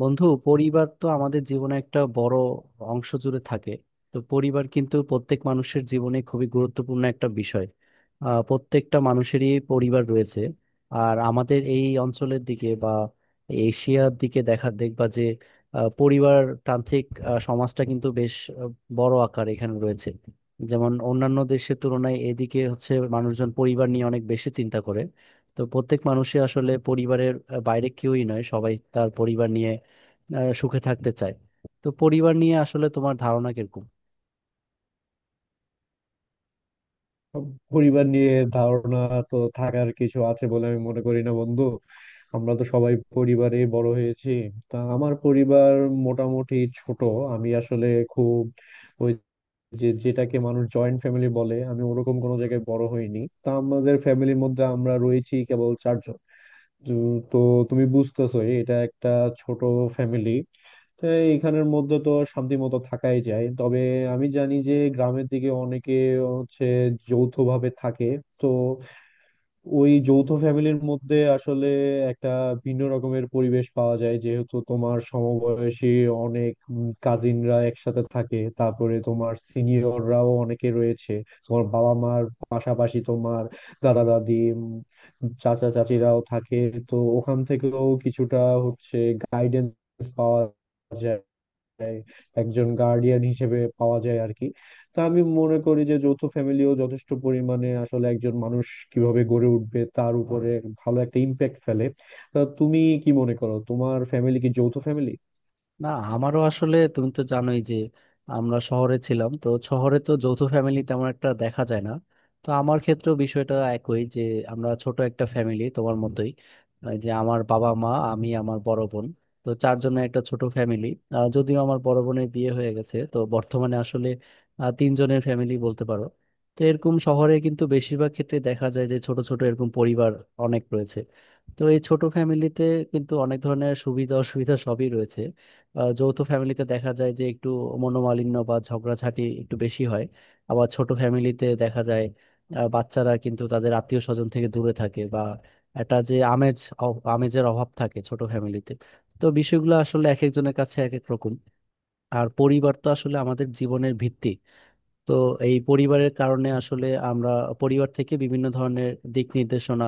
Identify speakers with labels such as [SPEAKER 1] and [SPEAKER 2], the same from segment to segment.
[SPEAKER 1] বন্ধু, পরিবার তো আমাদের জীবনে একটা বড় অংশ জুড়ে থাকে। তো পরিবার কিন্তু প্রত্যেক মানুষের জীবনে খুবই গুরুত্বপূর্ণ একটা বিষয়। প্রত্যেকটা মানুষেরই পরিবার রয়েছে। আর আমাদের এই অঞ্চলের দিকে বা এশিয়ার দিকে দেখা দেখবা যে পরিবার তান্ত্রিক সমাজটা কিন্তু বেশ বড় আকার এখানে রয়েছে। যেমন অন্যান্য দেশের তুলনায় এদিকে হচ্ছে মানুষজন পরিবার নিয়ে অনেক বেশি চিন্তা করে। তো প্রত্যেক মানুষই আসলে পরিবারের বাইরে কেউই নয়, সবাই তার পরিবার নিয়ে সুখে থাকতে চায়। তো পরিবার নিয়ে আসলে তোমার ধারণা কিরকম?
[SPEAKER 2] পরিবার নিয়ে ধারণা তো থাকার কিছু আছে বলে আমি মনে করি না বন্ধু। আমরা তো সবাই পরিবারে বড় হয়েছি। তা আমার পরিবার মোটামুটি ছোট। আমি আসলে খুব ওই যে যেটাকে মানুষ জয়েন্ট ফ্যামিলি বলে আমি ওরকম কোনো জায়গায় বড় হইনি। তা আমাদের ফ্যামিলির মধ্যে আমরা রয়েছি কেবল চারজন। তো তো তুমি বুঝতেছোই এটা একটা ছোট ফ্যামিলি। তো এইখানের মধ্যে তো শান্তি মতো থাকাই যায়। তবে আমি জানি যে গ্রামের দিকে অনেকে হচ্ছে যৌথভাবে থাকে। তো ওই যৌথ ফ্যামিলির মধ্যে আসলে একটা ভিন্ন রকমের পরিবেশ পাওয়া যায়, যেহেতু তোমার সমবয়সী অনেক কাজিনরা একসাথে থাকে, তারপরে তোমার সিনিয়ররাও অনেকে রয়েছে, তোমার বাবা মার পাশাপাশি তোমার দাদা দাদি, চাচা চাচিরাও থাকে। তো ওখান থেকেও কিছুটা হচ্ছে গাইডেন্স পাওয়া যায়, একজন গার্ডিয়ান হিসেবে পাওয়া যায় আর কি। তো আমি মনে করি যে যৌথ ফ্যামিলিও যথেষ্ট পরিমাণে আসলে একজন মানুষ কিভাবে গড়ে উঠবে তার উপরে ভালো একটা ইম্প্যাক্ট ফেলে। তা তুমি কি মনে করো, তোমার ফ্যামিলি কি যৌথ ফ্যামিলি?
[SPEAKER 1] না, আমারও আসলে, তুমি তো জানোই যে আমরা শহরে ছিলাম, তো শহরে তো যৌথ ফ্যামিলি তেমন একটা দেখা যায় না। তো আমার ক্ষেত্রেও বিষয়টা একই, যে আমরা ছোট একটা ফ্যামিলি তোমার মতোই। যে আমার বাবা, মা, আমি, আমার বড় বোন, তো চারজনের একটা ছোট ফ্যামিলি। যদিও আমার বড় বোনের বিয়ে হয়ে গেছে, তো বর্তমানে আসলে তিনজনের ফ্যামিলি বলতে পারো। তো এরকম শহরে কিন্তু বেশিরভাগ ক্ষেত্রে দেখা যায় যে ছোট ছোট এরকম পরিবার অনেক রয়েছে। তো এই ছোট ফ্যামিলিতে কিন্তু অনেক ধরনের সুবিধা অসুবিধা সবই রয়েছে। যৌথ ফ্যামিলিতে দেখা যায় যে একটু মনোমালিন্য বা ঝগড়াঝাটি একটু বেশি হয়। আবার ছোট ফ্যামিলিতে দেখা যায় বাচ্চারা কিন্তু তাদের আত্মীয় স্বজন থেকে দূরে থাকে, বা একটা যে আমেজ আমেজের অভাব থাকে ছোট ফ্যামিলিতে। তো বিষয়গুলো আসলে এক একজনের কাছে এক এক রকম। আর পরিবার তো আসলে আমাদের জীবনের ভিত্তি। তো এই পরিবারের কারণে আসলে আমরা পরিবার থেকে বিভিন্ন ধরনের দিক নির্দেশনা,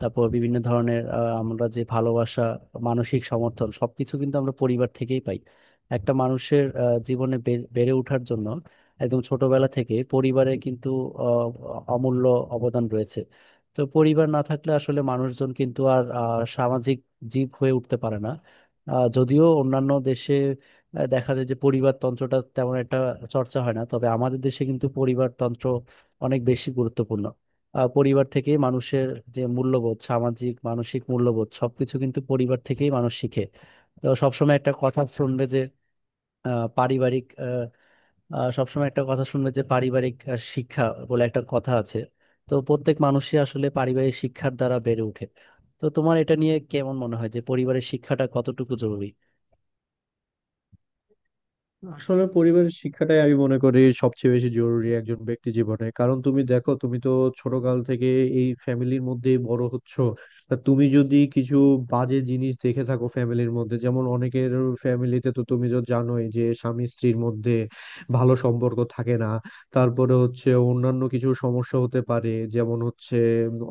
[SPEAKER 1] তারপর বিভিন্ন ধরনের আমরা যে ভালোবাসা, মানসিক সমর্থন, সবকিছু কিন্তু আমরা পরিবার থেকেই পাই। একটা মানুষের জীবনে বেড়ে ওঠার জন্য, একদম ছোটবেলা থেকে পরিবারের কিন্তু আহ, অমূল্য অবদান রয়েছে। তো পরিবার না থাকলে আসলে মানুষজন কিন্তু আর সামাজিক জীব হয়ে উঠতে পারে না। যদিও অন্যান্য দেশে দেখা যায় যে পরিবারতন্ত্রটা তেমন একটা চর্চা হয় না, তবে আমাদের দেশে কিন্তু পরিবারতন্ত্র অনেক বেশি গুরুত্বপূর্ণ। পরিবার থেকেই মানুষের যে মূল্যবোধ, সামাজিক মানসিক মূল্যবোধ সবকিছু কিন্তু পরিবার থেকেই মানুষ শিখে। তো সবসময় একটা কথা শুনবে যে আহ, পারিবারিক আহ, সবসময় একটা কথা শুনবে যে পারিবারিক শিক্ষা বলে একটা কথা আছে। তো প্রত্যেক মানুষই আসলে পারিবারিক শিক্ষার দ্বারা বেড়ে ওঠে। তো তোমার এটা নিয়ে কেমন মনে হয় যে পরিবারের শিক্ষাটা কতটুকু জরুরি?
[SPEAKER 2] আসলে পরিবারের শিক্ষাটাই আমি মনে করি সবচেয়ে বেশি জরুরি একজন ব্যক্তি জীবনে। কারণ তুমি দেখো, তুমি তো ছোটকাল থেকে এই ফ্যামিলির মধ্যে বড় হচ্ছ। তা তুমি যদি কিছু বাজে জিনিস দেখে থাকো ফ্যামিলির মধ্যে, যেমন অনেকের ফ্যামিলিতে তো তুমি তো জানোই যে স্বামী স্ত্রীর মধ্যে ভালো সম্পর্ক থাকে না, তারপরে হচ্ছে অন্যান্য কিছু সমস্যা হতে পারে, যেমন হচ্ছে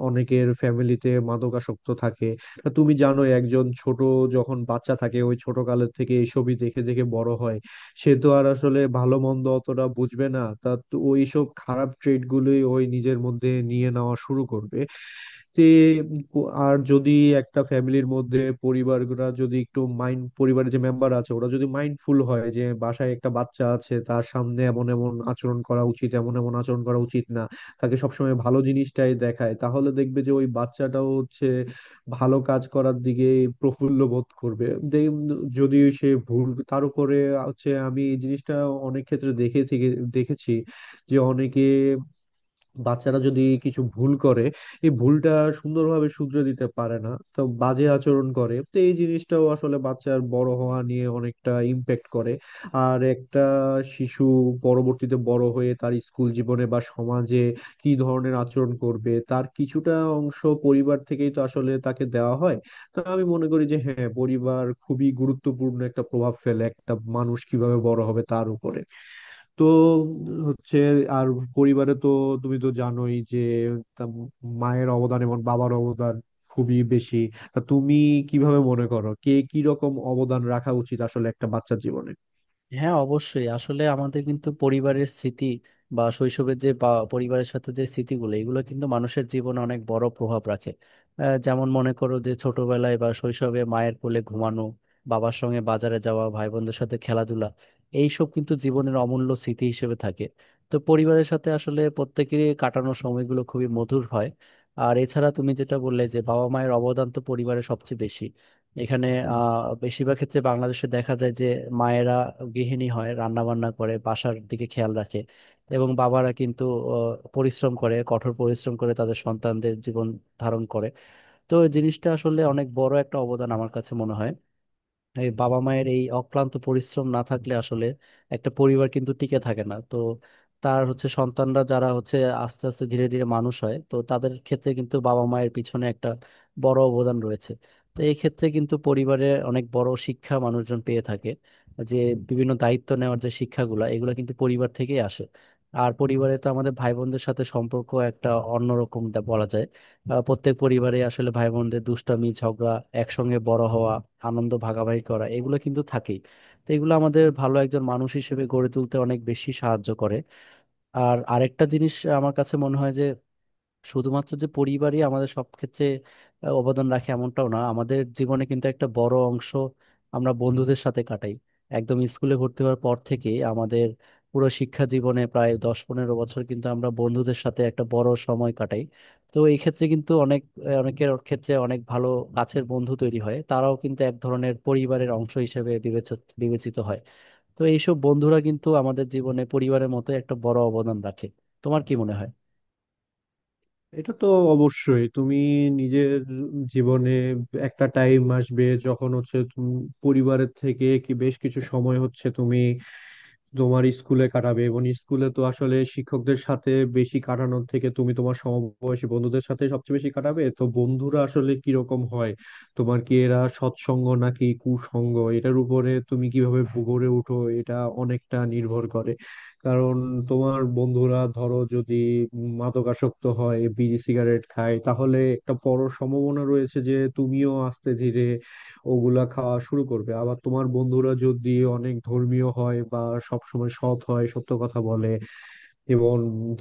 [SPEAKER 2] অনেকের ফ্যামিলিতে মাদকাসক্ত থাকে। তা তুমি জানোই, একজন ছোট যখন বাচ্চা থাকে, ওই ছোট কালের থেকে এইসবই দেখে দেখে বড় হয়। সে তো আর আসলে ভালো মন্দ অতটা বুঝবে না, তা তো ওইসব খারাপ ট্রেড গুলোই ওই নিজের মধ্যে নিয়ে নেওয়া শুরু করবে। তে আর যদি একটা ফ্যামিলির মধ্যে পরিবাররা যদি একটু মাইন্ড, পরিবারের যে মেম্বার আছে, ওরা যদি মাইন্ডফুল হয় যে বাসায় একটা বাচ্চা আছে, তার সামনে এমন এমন আচরণ করা উচিত, এমন এমন আচরণ করা উচিত না, তাকে সবসময় ভালো জিনিসটাই দেখায়, তাহলে দেখবে যে ওই বাচ্চাটাও হচ্ছে ভালো কাজ করার দিকে প্রফুল্ল বোধ করবে। দে- যদি সে ভুল তার উপরে হচ্ছে, আমি এই জিনিসটা অনেক ক্ষেত্রে দেখেছি যে অনেকে বাচ্চারা যদি কিছু ভুল করে, এই ভুলটা সুন্দরভাবে শুধরে দিতে পারে না, তো বাজে আচরণ করে, তো এই জিনিসটাও আসলে বাচ্চার বড় হওয়া নিয়ে অনেকটা ইম্প্যাক্ট করে। আর একটা শিশু পরবর্তীতে বড় হয়ে তার স্কুল জীবনে বা সমাজে কি ধরনের আচরণ করবে, তার কিছুটা অংশ পরিবার থেকেই তো আসলে তাকে দেওয়া হয়। তা আমি মনে করি যে হ্যাঁ, পরিবার খুবই গুরুত্বপূর্ণ একটা প্রভাব ফেলে একটা মানুষ কিভাবে বড় হবে তার উপরে। তো হচ্ছে আর পরিবারে তো তুমি তো জানোই যে তা মায়ের অবদান এবং বাবার অবদান খুবই বেশি। তা তুমি কিভাবে মনে করো কে কি রকম অবদান রাখা উচিত আসলে একটা বাচ্চার জীবনে?
[SPEAKER 1] হ্যাঁ, অবশ্যই। আসলে আমাদের কিন্তু পরিবারের স্মৃতি, বা শৈশবের যে, বা পরিবারের সাথে যে স্মৃতিগুলো, এগুলো কিন্তু মানুষের জীবনে অনেক বড় প্রভাব রাখে। যেমন মনে করো যে ছোটবেলায় বা শৈশবে মায়ের কোলে ঘুমানো, বাবার সঙ্গে বাজারে যাওয়া, ভাই বোনদের সাথে খেলাধুলা, এইসব কিন্তু জীবনের অমূল্য স্মৃতি হিসেবে থাকে। তো পরিবারের সাথে আসলে প্রত্যেকেরই কাটানোর সময়গুলো খুবই মধুর হয়। আর এছাড়া তুমি যেটা বললে যে বাবা মায়ের অবদান তো পরিবারে সবচেয়ে বেশি। এখানে বেশিরভাগ ক্ষেত্রে বাংলাদেশে দেখা যায় যে মায়েরা গৃহিণী হয়, রান্না বান্না করে, বাসার দিকে খেয়াল রাখে, এবং বাবারা কিন্তু পরিশ্রম করে, কঠোর পরিশ্রম করে তাদের সন্তানদের জীবন ধারণ করে। তো এই জিনিসটা আসলে অনেক বড় একটা অবদান আমার কাছে মনে হয়। এই বাবা মায়ের এই অক্লান্ত পরিশ্রম না থাকলে আসলে একটা পরিবার কিন্তু টিকে থাকে না। তো তার হচ্ছে সন্তানরা, যারা হচ্ছে আস্তে আস্তে ধীরে ধীরে মানুষ হয়, তো তাদের ক্ষেত্রে কিন্তু বাবা মায়ের পিছনে একটা বড় অবদান রয়েছে। তো এই ক্ষেত্রে কিন্তু পরিবারে অনেক বড় শিক্ষা মানুষজন পেয়ে থাকে, যে বিভিন্ন দায়িত্ব নেওয়ার যে শিক্ষাগুলো, এগুলো কিন্তু পরিবার থেকেই আসে। আর পরিবারে তো আমাদের ভাই বোনদের সাথে সম্পর্ক একটা অন্যরকম বলা যায়। প্রত্যেক পরিবারে আসলে ভাই বোনদের দুষ্টামি, ঝগড়া, একসঙ্গে বড় হওয়া, আনন্দ ভাগাভাগি করা, এগুলো কিন্তু থাকেই। তো এগুলো আমাদের ভালো একজন মানুষ হিসেবে গড়ে তুলতে অনেক বেশি সাহায্য করে। আর আরেকটা জিনিস আমার কাছে মনে হয় যে শুধুমাত্র যে পরিবারই আমাদের সব ক্ষেত্রে অবদান রাখে এমনটাও না। আমাদের জীবনে কিন্তু একটা বড় অংশ আমরা বন্ধুদের সাথে কাটাই। একদম স্কুলে ভর্তি হওয়ার পর থেকে আমাদের পুরো শিক্ষা জীবনে প্রায় 10-15 বছর কিন্তু আমরা বন্ধুদের সাথে একটা বড় সময় কাটাই। তো এই ক্ষেত্রে কিন্তু অনেক অনেকের ক্ষেত্রে অনেক ভালো কাছের বন্ধু তৈরি হয়, তারাও কিন্তু এক ধরনের পরিবারের অংশ হিসেবে বিবেচিত বিবেচিত হয়। তো এইসব বন্ধুরা কিন্তু আমাদের জীবনে পরিবারের মতো একটা বড় অবদান রাখে। তোমার কি মনে হয়?
[SPEAKER 2] এটা তো অবশ্যই, তুমি নিজের জীবনে একটা টাইম আসবে যখন হচ্ছে তুমি পরিবারের থেকে কি বেশ কিছু সময় হচ্ছে তুমি তোমার স্কুলে কাটাবে, এবং স্কুলে তো আসলে শিক্ষকদের সাথে বেশি কাটানোর থেকে তুমি তোমার সমবয়সী বন্ধুদের সাথে সবচেয়ে বেশি কাটাবে। তো বন্ধুরা আসলে কিরকম হয় তোমার, কি এরা সৎসঙ্গ নাকি কুসঙ্গ, এটার উপরে তুমি কিভাবে গড়ে ওঠো এটা অনেকটা নির্ভর করে। কারণ তোমার বন্ধুরা ধরো যদি মাদকাসক্ত হয়, বিড়ি সিগারেট খায়, তাহলে একটা বড় সম্ভাবনা রয়েছে যে তুমিও আস্তে ধীরে ওগুলা খাওয়া শুরু করবে। আবার তোমার বন্ধুরা যদি অনেক ধর্মীয় হয় বা সবসময় সৎ হয়, সত্য কথা বলে এবং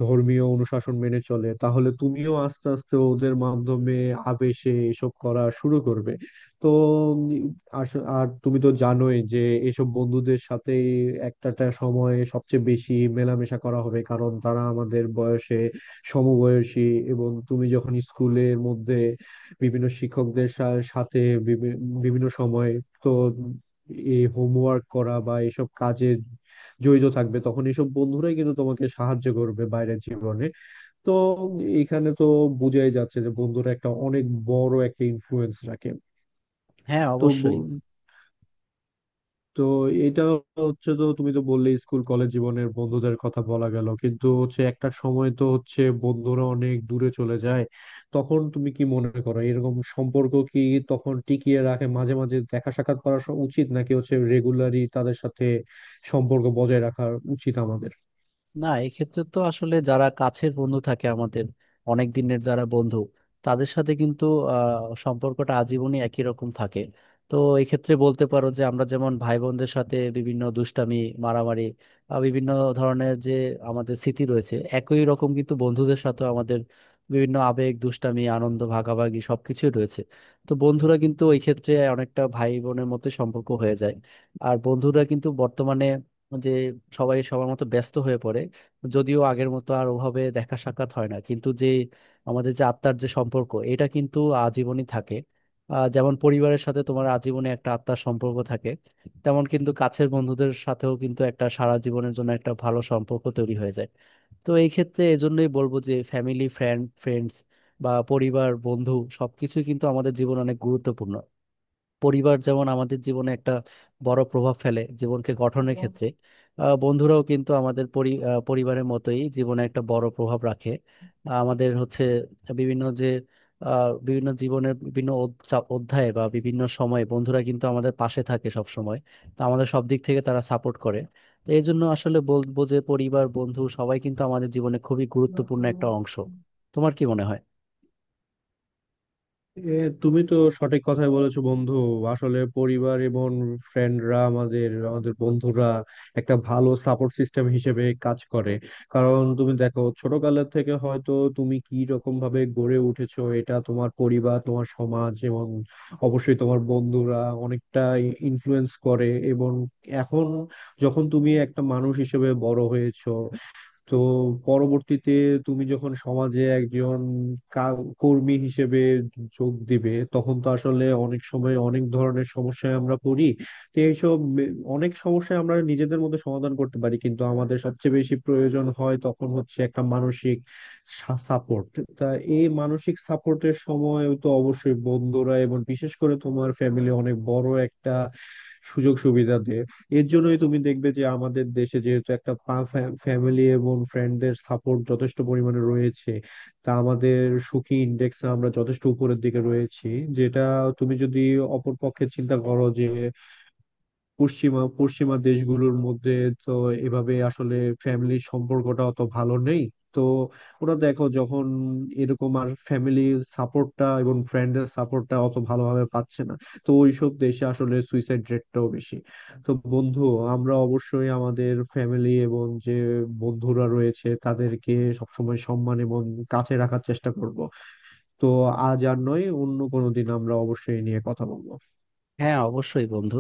[SPEAKER 2] ধর্মীয় অনুশাসন মেনে চলে, তাহলে তুমিও আস্তে আস্তে ওদের মাধ্যমে আবেশে এসব করা শুরু করবে। তো উম, আর তুমি তো জানোই যে এসব বন্ধুদের সাথে একটাটা সময়ে সবচেয়ে বেশি মেলামেশা করা হবে, কারণ তারা আমাদের বয়সে সমবয়সী। এবং তুমি যখন স্কুলের মধ্যে বিভিন্ন শিক্ষকদের সাথে বিভি- বিভিন্ন সময় তো এই হোমওয়ার্ক করা বা এসব কাজে জড়িত থাকবে, তখন এসব বন্ধুরাই কিন্তু তোমাকে সাহায্য করবে বাইরের জীবনে। তো এখানে তো বোঝাই যাচ্ছে যে বন্ধুরা একটা অনেক বড় একটা ইনফ্লুয়েন্স রাখে।
[SPEAKER 1] হ্যাঁ,
[SPEAKER 2] তো ব-
[SPEAKER 1] অবশ্যই।
[SPEAKER 2] তো এটা হচ্ছে, তো তুমি তো বললে স্কুল কলেজ জীবনের বন্ধুদের কথা বলা গেল, কিন্তু হচ্ছে একটা সময় তো হচ্ছে বন্ধুরা অনেক দূরে চলে যায়। তখন তুমি কি মনে করো এরকম সম্পর্ক কি তখন টিকিয়ে রাখে মাঝে মাঝে দেখা সাক্ষাৎ করা উচিত, নাকি হচ্ছে রেগুলারই তাদের সাথে সম্পর্ক বজায় রাখা উচিত আমাদের?
[SPEAKER 1] না, এক্ষেত্রে তো আসলে যারা কাছের বন্ধু থাকে আমাদের, অনেক দিনের যারা বন্ধু, তাদের সাথে কিন্তু সম্পর্কটা আজীবনই একই রকম থাকে। তো এক্ষেত্রে বলতে পারো যে আমরা যেমন ভাই বোনদের সাথে বিভিন্ন দুষ্টামি, মারামারি, বিভিন্ন ধরনের যে আমাদের স্মৃতি রয়েছে, একই রকম কিন্তু বন্ধুদের সাথে আমাদের বিভিন্ন আবেগ, দুষ্টামি, আনন্দ ভাগাভাগি, সবকিছুই রয়েছে। তো বন্ধুরা কিন্তু ওই ক্ষেত্রে অনেকটা ভাই বোনের মতো সম্পর্ক হয়ে যায়। আর বন্ধুরা কিন্তু বর্তমানে, যে সবাই সবার মতো ব্যস্ত হয়ে পড়ে, যদিও আগের মতো আর ওভাবে দেখা সাক্ষাৎ হয় না, কিন্তু যে আমাদের যে আত্মার যে সম্পর্ক, এটা কিন্তু আজীবনই থাকে। যেমন পরিবারের সাথে তোমার আজীবনে একটা আত্মার সম্পর্ক থাকে, তেমন কিন্তু কাছের বন্ধুদের সাথেও কিন্তু একটা সারা জীবনের জন্য একটা ভালো সম্পর্ক তৈরি হয়ে যায়। তো এই ক্ষেত্রে এজন্যই বলবো যে ফ্যামিলি ফ্রেন্ড ফ্রেন্ডস বা পরিবার বন্ধু সবকিছুই কিন্তু আমাদের জীবন অনেক গুরুত্বপূর্ণ। পরিবার যেমন আমাদের জীবনে একটা বড় প্রভাব ফেলে জীবনকে গঠনের ক্ষেত্রে, বন্ধুরাও কিন্তু আমাদের পরিবারের মতোই জীবনে একটা বড় প্রভাব রাখে। আমাদের হচ্ছে বিভিন্ন যে বিভিন্ন জীবনের বিভিন্ন অধ্যায়ে বা বিভিন্ন সময়ে বন্ধুরা কিন্তু আমাদের পাশে থাকে সব সময়। তো আমাদের সব দিক থেকে তারা সাপোর্ট করে। তো এই জন্য আসলে বলবো যে পরিবার বন্ধু সবাই কিন্তু আমাদের জীবনে খুবই গুরুত্বপূর্ণ একটা অংশ। তোমার কি মনে হয়?
[SPEAKER 2] এ, তুমি তো সঠিক কথাই বলেছো বন্ধু। আসলে পরিবার এবং ফ্রেন্ডরা আমাদের, বন্ধুরা একটা ভালো সাপোর্ট সিস্টেম হিসেবে কাজ করে। কারণ তুমি দেখো, ছোটকালের থেকে হয়তো তুমি কি রকম ভাবে গড়ে উঠেছো, এটা তোমার পরিবার, তোমার সমাজ এবং অবশ্যই তোমার বন্ধুরা অনেকটা ইনফ্লুয়েন্স করে। এবং এখন যখন তুমি একটা মানুষ হিসেবে বড় হয়েছো, তো পরবর্তীতে তুমি যখন সমাজে একজন কর্মী হিসেবে যোগ দিবে, তখন তো আসলে অনেক সময় অনেক ধরনের সমস্যায় আমরা পড়ি। তো এইসব অনেক সমস্যায় আমরা নিজেদের মধ্যে সমাধান করতে পারি, কিন্তু আমাদের সবচেয়ে বেশি প্রয়োজন হয় তখন হচ্ছে একটা মানসিক সাপোর্ট। তা এই মানসিক সাপোর্টের সময় তো অবশ্যই বন্ধুরা এবং বিশেষ করে তোমার ফ্যামিলি অনেক বড় একটা সুযোগ সুবিধা দেয়। এর জন্যই তুমি দেখবে যে আমাদের দেশে যেহেতু একটা ফ্যামিলি এবং ফ্রেন্ডদের সাপোর্ট যথেষ্ট পরিমাণে রয়েছে, তা আমাদের সুখী ইন্ডেক্স আমরা যথেষ্ট উপরের দিকে রয়েছি। যেটা তুমি যদি অপর পক্ষে চিন্তা করো যে পশ্চিমা পশ্চিমা দেশগুলোর মধ্যে তো এভাবে আসলে ফ্যামিলির সম্পর্কটা অত ভালো নেই। তো ওরা দেখো যখন এরকম আর ফ্যামিলির সাপোর্টটা এবং ফ্রেন্ডের সাপোর্টটা অত ভালোভাবে পাচ্ছে না, তো ওইসব দেশে আসলে সুইসাইড রেটটাও বেশি। তো বন্ধু, আমরা অবশ্যই আমাদের ফ্যামিলি এবং যে বন্ধুরা রয়েছে তাদেরকে সবসময় সম্মান এবং কাছে রাখার চেষ্টা করব। তো আজ আর নয়, অন্য কোনো দিন আমরা অবশ্যই এই নিয়ে কথা বলবো।
[SPEAKER 1] হ্যাঁ, অবশ্যই বন্ধু।